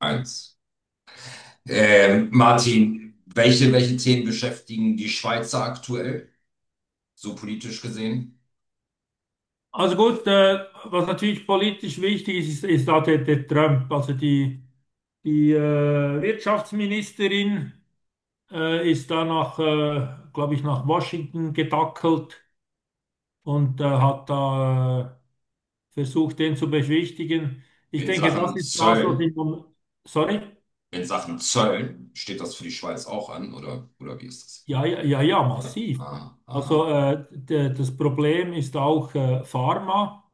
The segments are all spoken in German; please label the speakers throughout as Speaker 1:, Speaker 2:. Speaker 1: Eins. Martin, welche Themen beschäftigen die Schweizer aktuell, so politisch gesehen?
Speaker 2: Also gut, was natürlich politisch wichtig ist, ist da der Trump. Also die Wirtschaftsministerin ist da glaube ich, nach Washington gedackelt und hat da versucht, den zu beschwichtigen. Ich
Speaker 1: In
Speaker 2: denke, das
Speaker 1: Sachen
Speaker 2: ist das, was
Speaker 1: Zöllen,
Speaker 2: ich... Sorry?
Speaker 1: in Sachen Zöllen, steht das für die Schweiz auch an, oder wie ist das?
Speaker 2: Ja, ja, ja, ja,
Speaker 1: Ja.
Speaker 2: massiv.
Speaker 1: Aha,
Speaker 2: Also
Speaker 1: aha.
Speaker 2: äh, der, das Problem ist auch Pharma.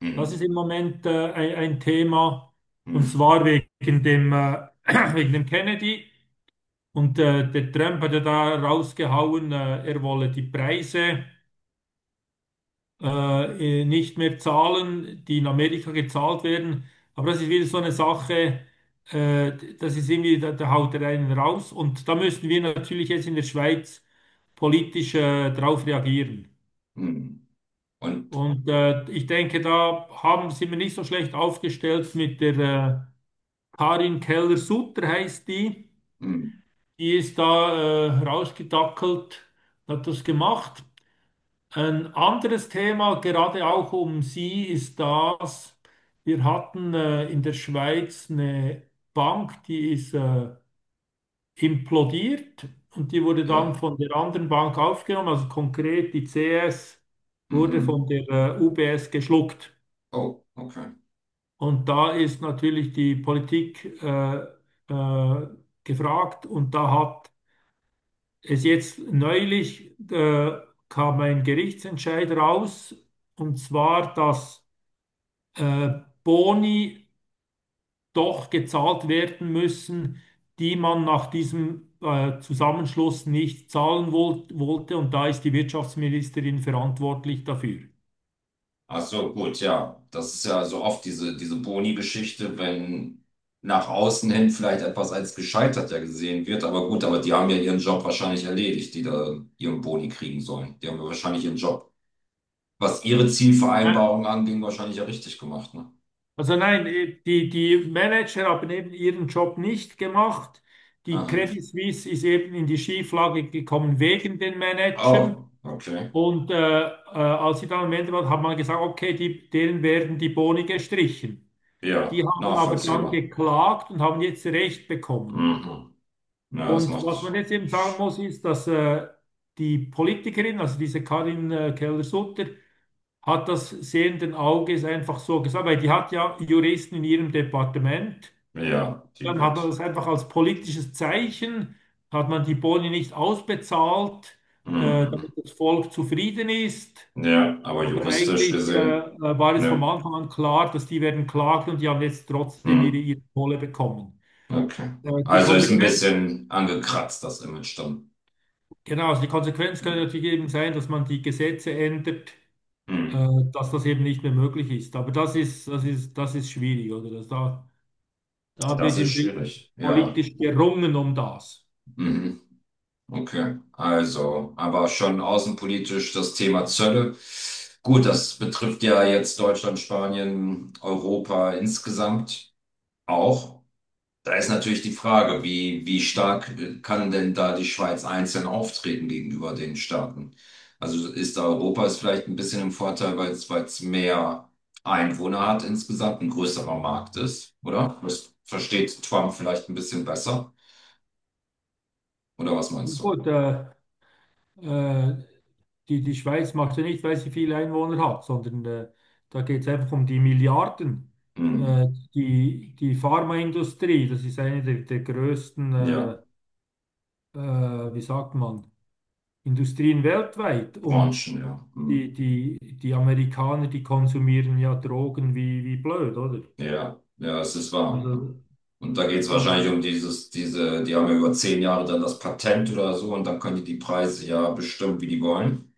Speaker 1: Hm,
Speaker 2: Das ist im Moment ein Thema, und
Speaker 1: hm,
Speaker 2: zwar wegen dem wegen dem Kennedy. Und der Trump hat ja da rausgehauen, er wolle die Preise nicht mehr zahlen, die in Amerika gezahlt werden. Aber das ist wieder so eine Sache, äh, das ist irgendwie, da haut er einen raus. Und da müssen wir natürlich jetzt in der Schweiz politisch darauf reagieren.
Speaker 1: hm. Und,
Speaker 2: Und ich denke, sind wir nicht so schlecht aufgestellt mit der... Äh, Karin Keller-Sutter heißt die.
Speaker 1: hm,
Speaker 2: Die ist da rausgedackelt, hat das gemacht. Ein anderes Thema, gerade auch um sie, ist das, wir hatten in der Schweiz eine Bank, die ist implodiert und die wurde dann
Speaker 1: ja.
Speaker 2: von der anderen Bank aufgenommen, also konkret die CS wurde
Speaker 1: Mhm.
Speaker 2: von der UBS geschluckt.
Speaker 1: Oh, okay.
Speaker 2: Und da ist natürlich die Politik äh, gefragt, und da hat es jetzt neulich kam ein Gerichtsentscheid raus, und zwar, dass äh, Boni doch gezahlt werden müssen, die man nach diesem Zusammenschluss nicht zahlen wollte. Und da ist die Wirtschaftsministerin verantwortlich dafür.
Speaker 1: Ach so, gut, ja. Das ist ja so oft diese Boni-Geschichte, wenn nach außen hin vielleicht etwas als gescheitert ja gesehen wird. Aber gut, aber die haben ja ihren Job wahrscheinlich erledigt, die da ihren Boni kriegen sollen. Die haben ja wahrscheinlich ihren Job, was ihre
Speaker 2: Äh,
Speaker 1: Zielvereinbarung anging, wahrscheinlich ja richtig gemacht, ne?
Speaker 2: Also nein, die Manager haben eben ihren Job nicht gemacht. Die
Speaker 1: Aha.
Speaker 2: Credit Suisse ist eben in die Schieflage gekommen wegen den
Speaker 1: Oh,
Speaker 2: Managern.
Speaker 1: okay.
Speaker 2: Und als sie dann am Ende waren, hat man gesagt, okay, die, denen werden die Boni gestrichen.
Speaker 1: Ja,
Speaker 2: Die haben aber dann
Speaker 1: nachvollziehbar.
Speaker 2: geklagt und haben jetzt Recht bekommen.
Speaker 1: Mhm. Ja, das
Speaker 2: Und was man
Speaker 1: macht,
Speaker 2: jetzt eben sagen muss, ist, dass die Politikerin, also diese Karin Keller-Sutter, hat das sehenden Auges einfach so gesagt, weil die hat ja Juristen in ihrem Departement.
Speaker 1: ja, die
Speaker 2: Dann hat man
Speaker 1: wird.
Speaker 2: das einfach als politisches Zeichen, hat man die Boni nicht ausbezahlt,
Speaker 1: Mhm.
Speaker 2: damit das Volk zufrieden ist.
Speaker 1: Ja, aber
Speaker 2: Aber
Speaker 1: juristisch
Speaker 2: eigentlich
Speaker 1: gesehen,
Speaker 2: war es vom
Speaker 1: ne.
Speaker 2: Anfang an klar, dass die werden klagen und die haben jetzt trotzdem
Speaker 1: Mhm.
Speaker 2: ihre Kohle bekommen.
Speaker 1: Okay.
Speaker 2: Äh, die
Speaker 1: Also ist ein
Speaker 2: Konsequenz,
Speaker 1: bisschen angekratzt, das Image dann.
Speaker 2: genau, also die Konsequenz könnte natürlich eben sein, dass man die Gesetze ändert, äh,
Speaker 1: Hm.
Speaker 2: dass das eben nicht mehr möglich ist. Aber das ist, das ist, das ist schwierig, oder? Da
Speaker 1: Das
Speaker 2: wird
Speaker 1: ist
Speaker 2: im Prinzip
Speaker 1: schwierig. Ja.
Speaker 2: politisch gerungen um das.
Speaker 1: Mhm. Okay. Also, aber schon außenpolitisch das Thema Zölle. Gut, das betrifft ja jetzt Deutschland, Spanien, Europa insgesamt auch. Da ist natürlich die Frage, wie stark kann denn da die Schweiz einzeln auftreten gegenüber den Staaten? Also ist da Europa ist vielleicht ein bisschen im Vorteil, weil es mehr Einwohner hat insgesamt, ein größerer Markt ist, oder? Das versteht Trump vielleicht ein bisschen besser, oder was
Speaker 2: Ja,
Speaker 1: meinst du?
Speaker 2: gut, äh, die, die Schweiz macht ja nicht, weil sie viele Einwohner hat, sondern da geht es einfach um die Milliarden.
Speaker 1: Hm.
Speaker 2: Äh, die Pharmaindustrie, das ist eine der größten,
Speaker 1: Ja,
Speaker 2: wie sagt man, Industrien weltweit. Und
Speaker 1: Branchen, ja. Hm.
Speaker 2: die Amerikaner, die konsumieren ja Drogen wie blöd, oder?
Speaker 1: Ja, ja, es ist wahr, ja.
Speaker 2: Also,
Speaker 1: Und da geht es wahrscheinlich
Speaker 2: ähm,
Speaker 1: um diese, die haben ja über 10 Jahre dann das Patent oder so und dann können die die Preise ja bestimmen, wie die wollen.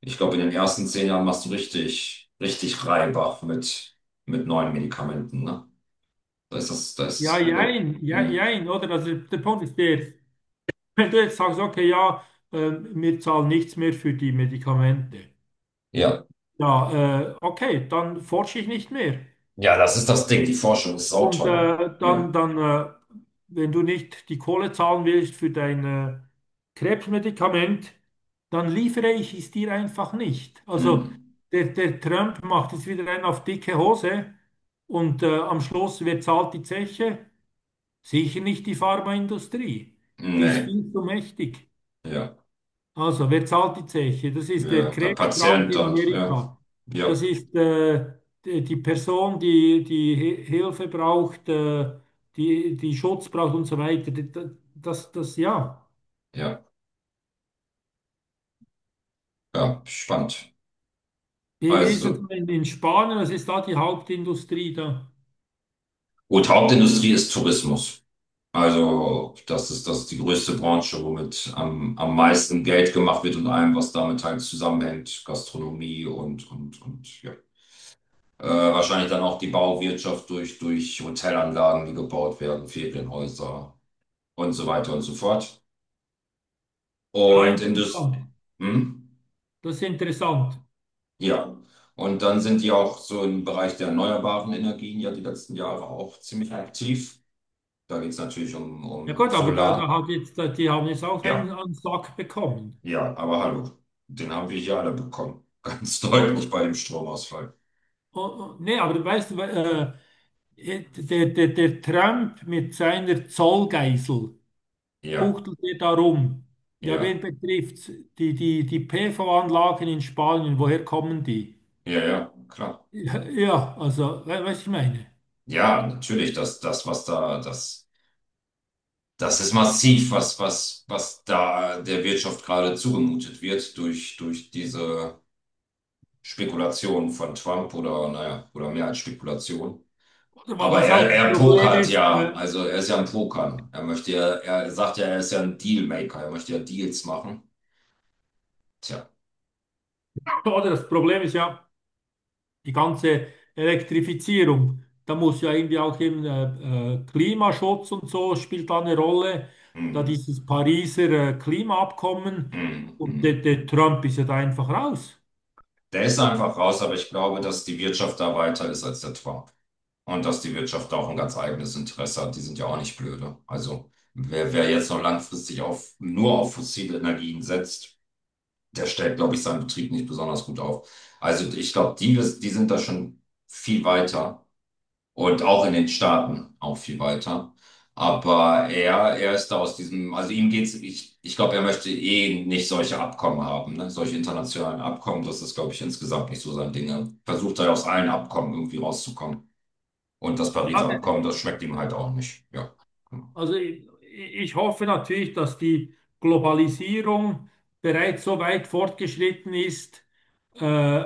Speaker 1: Ich glaube, in den ersten 10 Jahren machst du richtig, richtig Reibach mit neuen Medikamenten, ne? Da ist das Glück.
Speaker 2: ja,
Speaker 1: In,
Speaker 2: jein, oder? Also der Punkt ist der, wenn du jetzt sagst, okay, ja, wir zahlen nichts mehr für die Medikamente.
Speaker 1: ja.
Speaker 2: Ja, okay, dann forsche ich nicht mehr.
Speaker 1: Ja, das ist das Ding. Die Forschung ist
Speaker 2: Und
Speaker 1: sauteuer. Ja.
Speaker 2: dann, dann wenn du nicht die Kohle zahlen willst für dein Krebsmedikament, dann liefere ich es dir einfach nicht.
Speaker 1: Hm.
Speaker 2: Also der Trump macht jetzt wieder einen auf dicke Hose und am Schluss, wer zahlt die Zeche? Sicher nicht die Pharmaindustrie. Die ist
Speaker 1: Nee.
Speaker 2: viel zu mächtig.
Speaker 1: Ja.
Speaker 2: Also, wer zahlt die Zeche? Das ist der
Speaker 1: Ja. Der Patient
Speaker 2: Krebskranke in
Speaker 1: dann. Ja.
Speaker 2: Amerika.
Speaker 1: Ja.
Speaker 2: Das ist die Person, die Hilfe braucht, die Schutz braucht und so weiter. Ja.
Speaker 1: Ja. Ja. Spannend.
Speaker 2: Wie ist es
Speaker 1: Also,
Speaker 2: in Spanien? Was ist da die Hauptindustrie da?
Speaker 1: gut, Hauptindustrie ist Tourismus. Also, das ist die größte Branche, womit am meisten Geld gemacht wird und allem, was damit halt zusammenhängt. Gastronomie und, ja. Wahrscheinlich dann auch die Bauwirtschaft durch Hotelanlagen, die gebaut werden, Ferienhäuser und so weiter und so fort.
Speaker 2: Ah,
Speaker 1: Und Indust
Speaker 2: interessant.
Speaker 1: hm?
Speaker 2: Das ist interessant.
Speaker 1: Ja. Und dann sind die auch so im Bereich der erneuerbaren Energien ja die letzten Jahre auch ziemlich aktiv. Da geht es natürlich um,
Speaker 2: Ja
Speaker 1: um
Speaker 2: gut, aber da, da
Speaker 1: Solar.
Speaker 2: hat jetzt, da, die haben jetzt auch
Speaker 1: Ja,
Speaker 2: einen Sack bekommen.
Speaker 1: ja, aber hallo, den haben wir hier alle bekommen. Ganz
Speaker 2: Oh,
Speaker 1: deutlich
Speaker 2: oh,
Speaker 1: bei dem Stromausfall.
Speaker 2: oh, oh. Nee, aber weißt du, der Trump mit seiner Zollgeisel
Speaker 1: Ja,
Speaker 2: buchtelt er darum. Ja, wen
Speaker 1: ja,
Speaker 2: betrifft's? Die PV-Anlagen in Spanien, woher kommen die?
Speaker 1: ja, ja, klar.
Speaker 2: Ja, ja, also, weißt du, ich meine.
Speaker 1: Ja, natürlich, das. Das ist massiv, was da der Wirtschaft gerade zugemutet wird durch diese Spekulation von Trump oder, naja, oder mehr als Spekulation.
Speaker 2: Oder
Speaker 1: Aber
Speaker 2: was auch
Speaker 1: er,
Speaker 2: das
Speaker 1: er
Speaker 2: Problem
Speaker 1: pokert
Speaker 2: ist,
Speaker 1: ja, also er ist ja ein Pokern. Er möchte ja, er sagt ja, er ist ja ein Dealmaker, er möchte ja Deals machen. Tja,
Speaker 2: oder das Problem ist ja die ganze Elektrifizierung. Da muss ja irgendwie auch eben, Klimaschutz und so spielt da eine Rolle. Da
Speaker 1: mhm.
Speaker 2: dieses Pariser Klimaabkommen,
Speaker 1: Mhm.
Speaker 2: und
Speaker 1: Mhm.
Speaker 2: der Trump ist ja da einfach raus.
Speaker 1: Der ist einfach raus, aber ich glaube, dass die Wirtschaft da weiter ist als der Trump. Und dass die Wirtschaft da auch ein ganz eigenes Interesse hat, die sind ja auch nicht blöde. Also wer jetzt noch langfristig nur auf fossile Energien setzt, der stellt, glaube ich, seinen Betrieb nicht besonders gut auf. Also ich glaube, die sind da schon viel weiter und auch in den Staaten auch viel weiter. Aber er ist da aus diesem, also ihm geht's, ich glaube, er möchte eh nicht solche Abkommen haben, ne? Solche internationalen Abkommen, das ist, glaube ich, insgesamt nicht so sein Ding. Er versucht halt aus allen Abkommen irgendwie rauszukommen. Und das
Speaker 2: Ja,
Speaker 1: Pariser Abkommen,
Speaker 2: de-
Speaker 1: das schmeckt ihm halt auch nicht. Ja.
Speaker 2: also ich hoffe natürlich, dass die Globalisierung bereits so weit fortgeschritten ist, äh,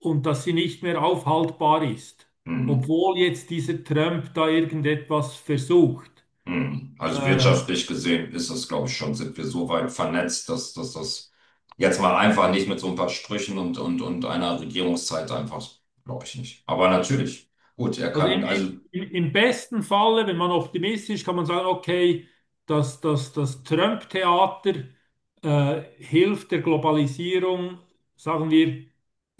Speaker 2: und dass sie nicht mehr aufhaltbar ist,
Speaker 1: Hm.
Speaker 2: obwohl jetzt dieser Trump da irgendetwas versucht.
Speaker 1: Hm. Also
Speaker 2: Äh,
Speaker 1: wirtschaftlich gesehen ist das, glaube ich, schon, sind wir so weit vernetzt, dass das jetzt mal einfach nicht mit so ein paar Sprüchen und, und einer Regierungszeit einfach, glaube ich nicht. Aber natürlich, gut, er
Speaker 2: Also
Speaker 1: kann,
Speaker 2: im,
Speaker 1: also
Speaker 2: im, im im besten Falle, wenn man optimistisch, kann man sagen, okay, das Trump-Theater hilft der Globalisierung, sagen wir,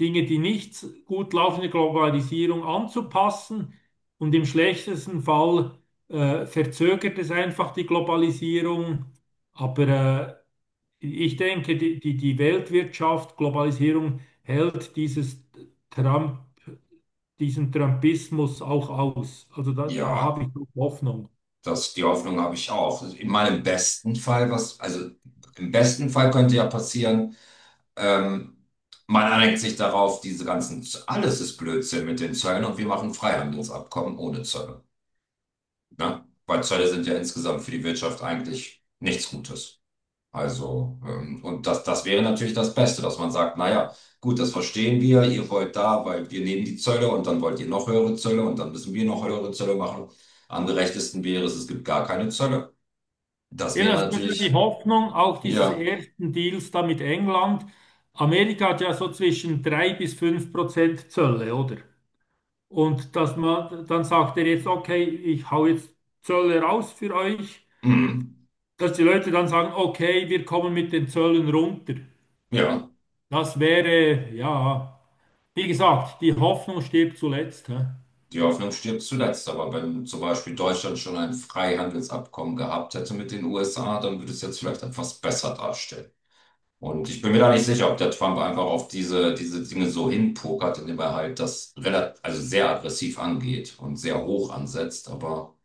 Speaker 2: Dinge, die nicht gut laufen, der Globalisierung anzupassen. Und im schlechtesten Fall verzögert es einfach die Globalisierung. Aber ich denke, die Weltwirtschaft, Globalisierung hält dieses Trump diesen Trumpismus auch aus. Also da, da habe
Speaker 1: ja,
Speaker 2: ich doch Hoffnung.
Speaker 1: die Hoffnung habe ich auch. In meinem besten Fall, was, also im besten Fall könnte ja passieren, Ähm, man einigt sich darauf, diese ganzen, alles ist Blödsinn mit den Zöllen und wir machen Freihandelsabkommen ohne Zölle. Ne? Weil Zölle sind ja insgesamt für die Wirtschaft eigentlich nichts Gutes. Also, und das wäre natürlich das Beste, dass man sagt, naja, gut, das verstehen wir, ihr wollt da, weil wir nehmen die Zölle und dann wollt ihr noch höhere Zölle und dann müssen wir noch höhere Zölle machen. Am gerechtesten wäre es, es gibt gar keine Zölle. Das
Speaker 2: Eben,
Speaker 1: wäre
Speaker 2: also das war die
Speaker 1: natürlich,
Speaker 2: Hoffnung auch dieses
Speaker 1: ja,
Speaker 2: ersten Deals da mit England. Amerika hat ja so zwischen 3 bis 5% Zölle, oder? Und dass man, dann sagt er jetzt, okay, ich hau jetzt Zölle raus für euch,
Speaker 1: mm,
Speaker 2: dass die Leute dann sagen, okay, wir kommen mit den Zöllen runter.
Speaker 1: ja.
Speaker 2: Das wäre, ja, wie gesagt, die Hoffnung stirbt zuletzt. Hä?
Speaker 1: Die Hoffnung stirbt zuletzt, aber wenn zum Beispiel Deutschland schon ein Freihandelsabkommen gehabt hätte mit den USA, dann würde es jetzt vielleicht etwas besser darstellen. Und ich bin mir da nicht sicher, ob der Trump einfach auf diese Dinge so hinpokert, indem er halt das relativ, also sehr aggressiv angeht und sehr hoch ansetzt. Aber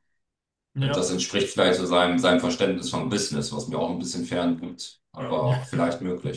Speaker 1: das
Speaker 2: Ja,
Speaker 1: entspricht vielleicht so seinem Verständnis von Business, was mir auch ein bisschen fern gibt, ja. Aber
Speaker 2: ja.
Speaker 1: vielleicht möglich.